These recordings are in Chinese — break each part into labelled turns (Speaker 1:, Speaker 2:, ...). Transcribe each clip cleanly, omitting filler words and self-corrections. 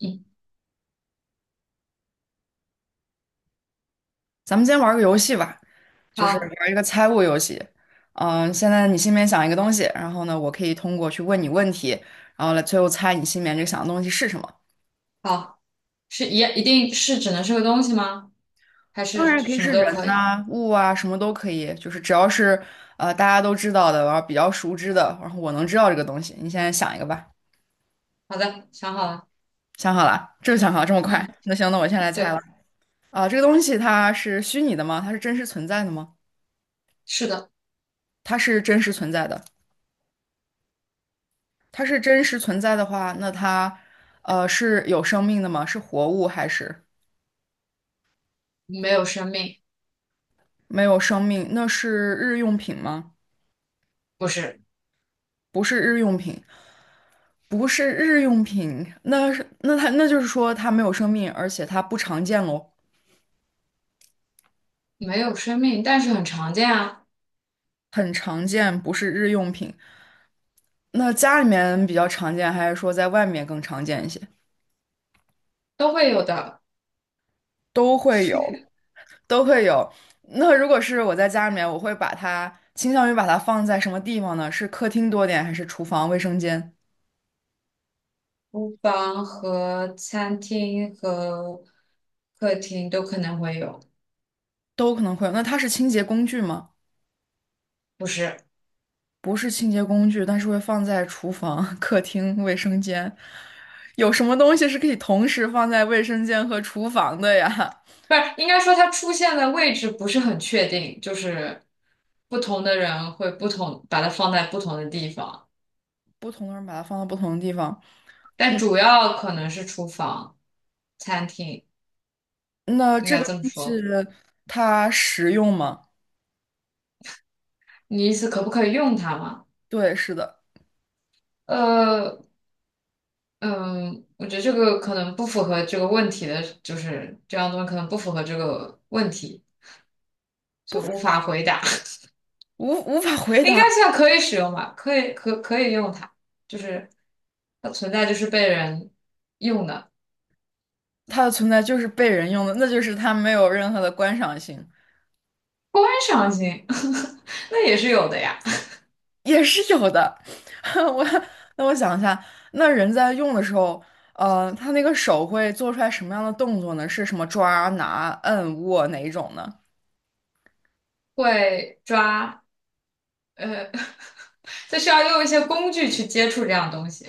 Speaker 1: 嗯，
Speaker 2: 咱们今天玩个游戏吧，就是
Speaker 1: 好，
Speaker 2: 玩一个猜物游戏。现在你心里面想一个东西，然后呢，我可以通过去问你问题，然后来最后猜你心里面这个想的东西是什么。
Speaker 1: 好是一定是只能是个东西吗？还
Speaker 2: 当
Speaker 1: 是
Speaker 2: 然可以
Speaker 1: 什么
Speaker 2: 是
Speaker 1: 都
Speaker 2: 人
Speaker 1: 可以？
Speaker 2: 呐、物啊，什么都可以，就是只要是大家都知道的，然后比较熟知的，然后我能知道这个东西。你现在想一个吧，
Speaker 1: 好的，想好了。
Speaker 2: 想好了，这就想好了，这么快？
Speaker 1: 嗯，
Speaker 2: 那行，那我先来猜了。
Speaker 1: 对，
Speaker 2: 啊、这个东西它是虚拟的吗？它是真实存在的吗？
Speaker 1: 是的。
Speaker 2: 它是真实存在的。它是真实存在的话，那它，是有生命的吗？是活物还是
Speaker 1: 没有生命。
Speaker 2: 没有生命？那是日用品吗？
Speaker 1: 不是。
Speaker 2: 不是日用品，不是日用品，那就是说它没有生命，而且它不常见喽，
Speaker 1: 没有生命，但是很常见啊。
Speaker 2: 很常见，不是日用品。那家里面比较常见，还是说在外面更常见一些？
Speaker 1: 都会有的。
Speaker 2: 都会有，都会有。那如果是我在家里面，我会把它倾向于把它放在什么地方呢？是客厅多点，还是厨房、卫生间？
Speaker 1: 厨房和餐厅和客厅都可能会有。
Speaker 2: 都可能会有。那它是清洁工具吗？
Speaker 1: 不是。
Speaker 2: 不是清洁工具，但是会放在厨房、客厅、卫生间。有什么东西是可以同时放在卫生间和厨房的呀？
Speaker 1: 不是，应该说它出现的位置不是很确定，就是不同的人会不同，把它放在不同的地方。
Speaker 2: 不同的人把它放到不同的地方。
Speaker 1: 但
Speaker 2: 嗯，
Speaker 1: 主要可能是厨房。餐厅，
Speaker 2: 那
Speaker 1: 应
Speaker 2: 这
Speaker 1: 该
Speaker 2: 个
Speaker 1: 这么
Speaker 2: 东西
Speaker 1: 说。
Speaker 2: 它实用吗？
Speaker 1: 你意思可不可以用它吗？
Speaker 2: 对，是的，
Speaker 1: 呃，嗯，我觉得这个可能不符合这个问题的，就是这样东西可能不符合这个问题，就无法回答。
Speaker 2: 无法回
Speaker 1: 应该
Speaker 2: 答。
Speaker 1: 算可以使用吧，可以用它，就是它存在就是被人用的。
Speaker 2: 它的存在就是被人用的，那就是它没有任何的观赏性。
Speaker 1: 观赏性，那也是有的呀。
Speaker 2: 也是有的。我那我想一下，那人在用的时候，他那个手会做出来什么样的动作呢？是什么抓、拿、摁、握哪一种呢？
Speaker 1: 会抓，呃，就需要用一些工具去接触这样东西。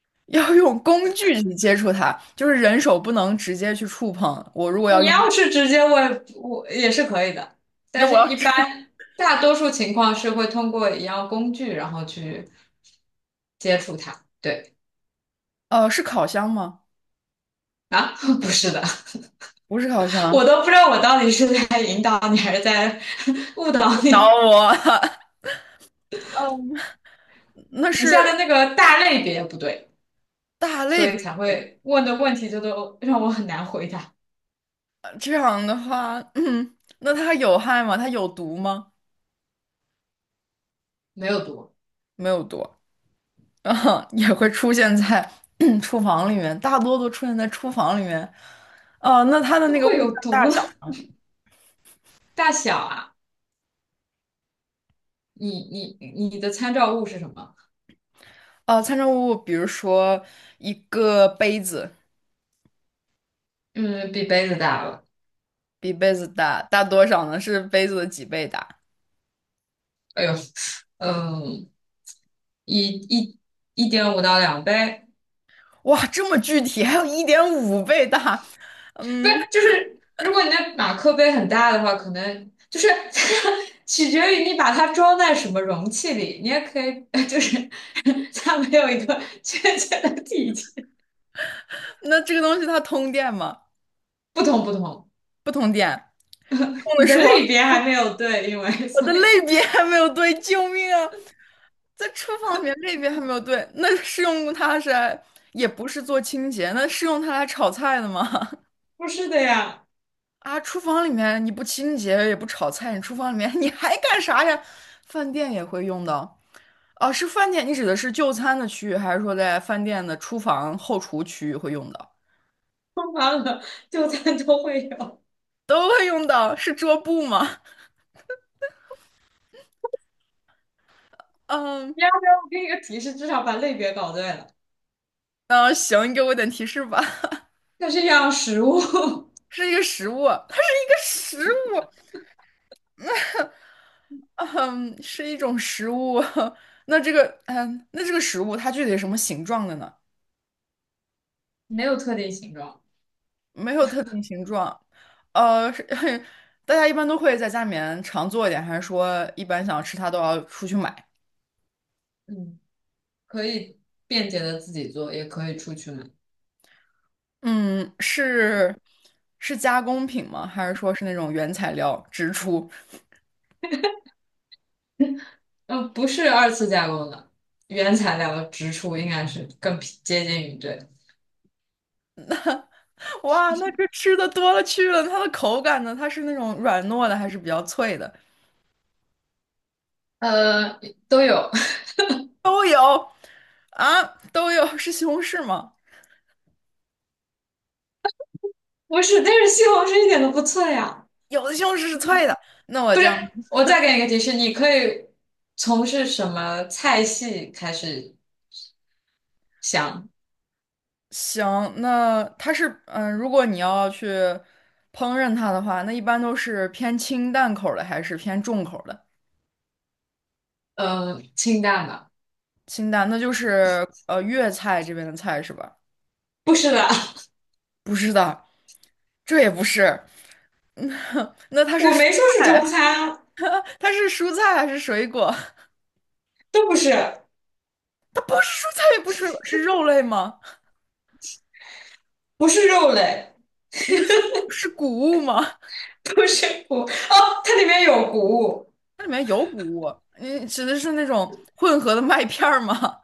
Speaker 2: 要用工具去接触它，就是人手不能直接去触碰。我如果要
Speaker 1: 你
Speaker 2: 用，
Speaker 1: 要是直接问我也是可以的，但
Speaker 2: 那我
Speaker 1: 是
Speaker 2: 要
Speaker 1: 一
Speaker 2: 是
Speaker 1: 般大多数情况是会通过一样工具，然后去接触它。对
Speaker 2: 呃 是烤箱吗？
Speaker 1: 啊，不是的，
Speaker 2: 不是烤
Speaker 1: 我
Speaker 2: 箱，
Speaker 1: 都不知道我到底是在引导你还是在 误导
Speaker 2: 不找
Speaker 1: 你。
Speaker 2: 我，那
Speaker 1: 你下
Speaker 2: 是
Speaker 1: 的那个大类别不对，
Speaker 2: 大类
Speaker 1: 所以
Speaker 2: 别。
Speaker 1: 才会问的问题就都让我很难回答。
Speaker 2: 这样的话，那它有害吗？它有毒吗？
Speaker 1: 没有毒。
Speaker 2: 没有毒。啊，也会出现在 厨房里面，大多都出现在厨房里面。啊，那它的
Speaker 1: 怎
Speaker 2: 那
Speaker 1: 么
Speaker 2: 个物
Speaker 1: 会
Speaker 2: 题
Speaker 1: 有
Speaker 2: 大
Speaker 1: 毒呢？
Speaker 2: 小，
Speaker 1: 大小啊，你的参照物是什么？
Speaker 2: 啊，参照物，比如说一个杯子
Speaker 1: 嗯，比杯子大了。
Speaker 2: 比杯子大，大多少呢？是杯子的几倍大？
Speaker 1: 哎呦。嗯。一一1.5到2杯。
Speaker 2: 哇，这么具体，还有一点五倍大。
Speaker 1: 不是，
Speaker 2: 嗯，
Speaker 1: 就是如果你的马克杯很大的话，可能就是 取决于你把它装在什么容器里。你也可以，就是它没有一个确切的体积。
Speaker 2: 那这个东西它通电吗？
Speaker 1: 不同不同。
Speaker 2: 用的
Speaker 1: 你的
Speaker 2: 时候，
Speaker 1: 类别还没有对，因为
Speaker 2: 我
Speaker 1: 所
Speaker 2: 的
Speaker 1: 以
Speaker 2: 类别还没有对，救命啊！在厨房里面类别还没有对，那是用它是来，也不是做清洁，那是用它来炒菜的吗？
Speaker 1: 不是的呀，
Speaker 2: 啊，厨房里面你不清洁也不炒菜，你厨房里面 你还干啥呀？饭店也会用到。哦，是饭店，你指的是就餐的区域，还是说在饭店的厨房后厨区域会用到？
Speaker 1: 通常的就餐都会有。
Speaker 2: 都会用到，是桌布吗？嗯，
Speaker 1: 你要不要我给你个提示，至少把类别搞对了？
Speaker 2: 嗯，行，你给我点提示吧。
Speaker 1: 它是一样食物。
Speaker 2: 是一个食物，它是一个食物，嗯，是一种食物。那这个食物它具体是什么形状的呢？
Speaker 1: 没有特定形状。
Speaker 2: 没有特定形状，呃，是 大家一般都会在家里面常做一点，还是说一般想要吃它都要出去买？
Speaker 1: 嗯。可以便捷的自己做，也可以出去买。
Speaker 2: 嗯，是是加工品吗？还是说是那种原材料直出？
Speaker 1: 不是二次加工的，原材料直出应该是更匹接近于这。
Speaker 2: 哇，那这吃的多了去了，它的口感呢？它是那种软糯的，还是比较脆的？
Speaker 1: 呃，都有。
Speaker 2: 都有啊，都有。是西红柿吗？
Speaker 1: 不是，但是西红柿一点都不脆呀。
Speaker 2: 有的西红柿是脆的，那我
Speaker 1: 不
Speaker 2: 这
Speaker 1: 是，
Speaker 2: 样。
Speaker 1: 我再给你一个提示，你可以从事什么菜系开始想？
Speaker 2: 行，那它是如果你要去烹饪它的话，那一般都是偏清淡口儿的还是偏重口儿的？
Speaker 1: 清淡的。
Speaker 2: 清淡，那就是粤菜这边的菜是吧？
Speaker 1: 不是的，
Speaker 2: 不是的，这也不是。那 它是
Speaker 1: 我
Speaker 2: 蔬
Speaker 1: 没说是中
Speaker 2: 菜，
Speaker 1: 餐啊。
Speaker 2: 它是蔬菜还是水果？
Speaker 1: 都不是。
Speaker 2: 不是蔬菜，也不是水果，是肉类吗？
Speaker 1: 不是肉类。
Speaker 2: 是谷物吗？
Speaker 1: 不是谷，哦，它里面有谷物。
Speaker 2: 它里面有谷物，你指的是那种混合的麦片儿吗？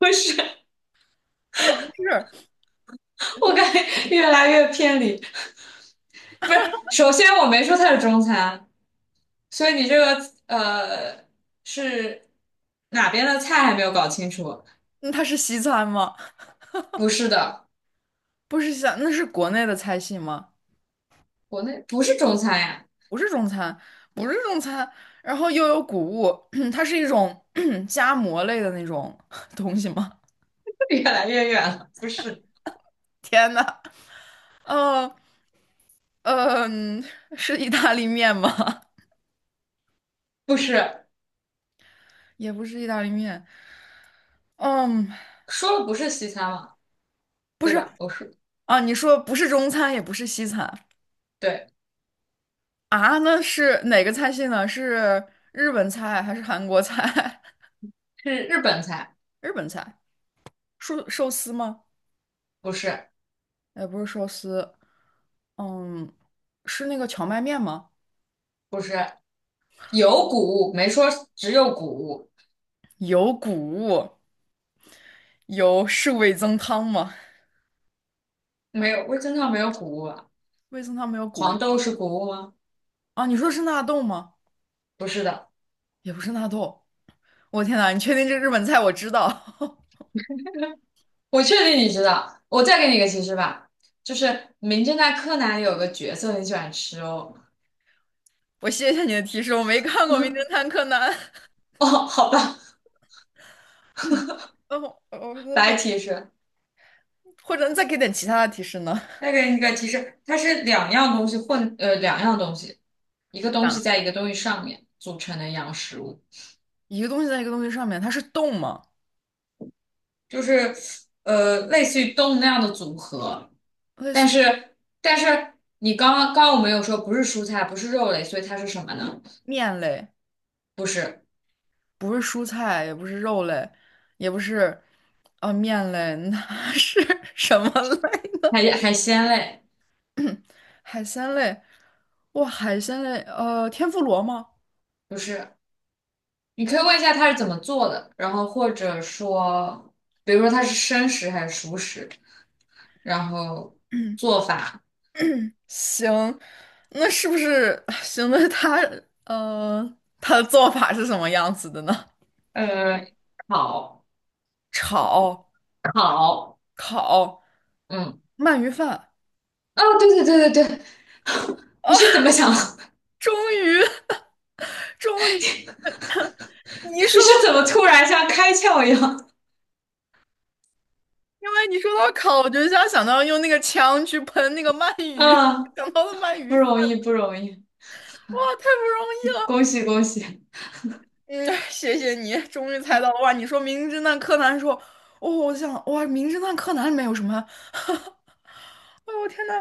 Speaker 1: 不是。
Speaker 2: 也不是，
Speaker 1: 我感觉越来越偏离。不是，首先我没说它是中餐，所以你这个呃是哪边的菜还没有搞清楚。
Speaker 2: 那它是西餐吗？
Speaker 1: 不是的。
Speaker 2: 不是西餐，那是国内的菜系吗？
Speaker 1: 国内不是中餐呀。
Speaker 2: 不是中餐，不是中餐，然后又有谷物，它是一种 夹馍类的那种 东西吗？
Speaker 1: 越来越远了。不是。
Speaker 2: 天呐，呃呃，嗯、是意大利面吗？
Speaker 1: 不是，
Speaker 2: 也不是意大利面，嗯，
Speaker 1: 说了不是西餐嘛，
Speaker 2: 不
Speaker 1: 对
Speaker 2: 是
Speaker 1: 吧？不是，
Speaker 2: 啊，你说不是中餐，也不是西餐
Speaker 1: 对，
Speaker 2: 啊，那是哪个菜系呢？是日本菜还是韩国菜？
Speaker 1: 是日本菜。
Speaker 2: 日本菜，寿司吗？
Speaker 1: 不是。
Speaker 2: 也不是寿司，嗯，是那个荞麦面吗？
Speaker 1: 不是，有谷物，没说只有谷物。
Speaker 2: 有谷物。是味增汤吗？
Speaker 1: 没有味噌汤没有谷物啊。
Speaker 2: 味增汤没有谷
Speaker 1: 黄
Speaker 2: 物
Speaker 1: 豆是谷物吗？
Speaker 2: 啊？你说是纳豆吗？
Speaker 1: 不是的。
Speaker 2: 也不是纳豆。我天呐，你确定这日本菜我知道？
Speaker 1: 我确定你知道。我再给你一个提示吧，就是《名侦探柯南》里有个角色很喜欢吃哦。
Speaker 2: 我谢谢你的提示，我没看过《名 侦探柯南》。
Speaker 1: 哦，好吧。
Speaker 2: 哦，我就在
Speaker 1: 白
Speaker 2: 想，
Speaker 1: 提示。
Speaker 2: 或者你再给点其他的提示呢？
Speaker 1: 再给你一个提示，它是两样东西混，两样东西，一个东西
Speaker 2: 啊
Speaker 1: 在一个东西上面组成的一样食物，
Speaker 2: 一个东西在一个东西上面，它是动吗？
Speaker 1: 就是类似于动物那样的组合。
Speaker 2: 类
Speaker 1: 但
Speaker 2: 似于
Speaker 1: 是，但是你刚刚我们有说不是蔬菜，不是肉类，所以它是什么呢？
Speaker 2: 面类，
Speaker 1: 不是
Speaker 2: 不是蔬菜，也不是肉类，也不是啊、面类，那是 什么类呢？
Speaker 1: 海鲜类。
Speaker 2: 海鲜类，哇，海鲜类，天妇罗吗？
Speaker 1: 不是。你可以问一下它是怎么做的，然后或者说，比如说它是生食还是熟食，然后做法。
Speaker 2: 行，那是不是 行？他的做法是什么样子的呢？
Speaker 1: 呃，烤
Speaker 2: 炒、
Speaker 1: 烤。
Speaker 2: 烤、
Speaker 1: 嗯。
Speaker 2: 鳗鱼饭
Speaker 1: 哦，对对对对对，你
Speaker 2: 啊！
Speaker 1: 是怎么想？
Speaker 2: 终于，终于，你一
Speaker 1: 你
Speaker 2: 说到，
Speaker 1: 是怎么突然像开窍一样？
Speaker 2: 因为你说到烤，我就想到用那个枪去喷那个鳗鱼，
Speaker 1: 啊，
Speaker 2: 想到了鳗鱼
Speaker 1: 不
Speaker 2: 饭，
Speaker 1: 容易不容易，
Speaker 2: 哇，太不容易了！
Speaker 1: 恭喜恭喜，
Speaker 2: 嗯，谢谢你，终于猜到了哇！你说《名侦探柯南》说，哦，我想哇，《名侦探柯南》里面有什么？我天呐，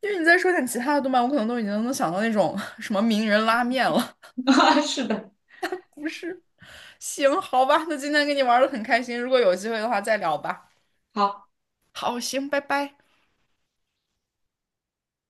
Speaker 2: 因为你再说点其他的动漫，我可能都已经能想到那种 什么名人拉面了。
Speaker 1: 啊，是的。
Speaker 2: 不是，行，好吧，那今天跟你玩的很开心，如果有机会的话再聊吧。
Speaker 1: 好。
Speaker 2: 好，行，拜拜。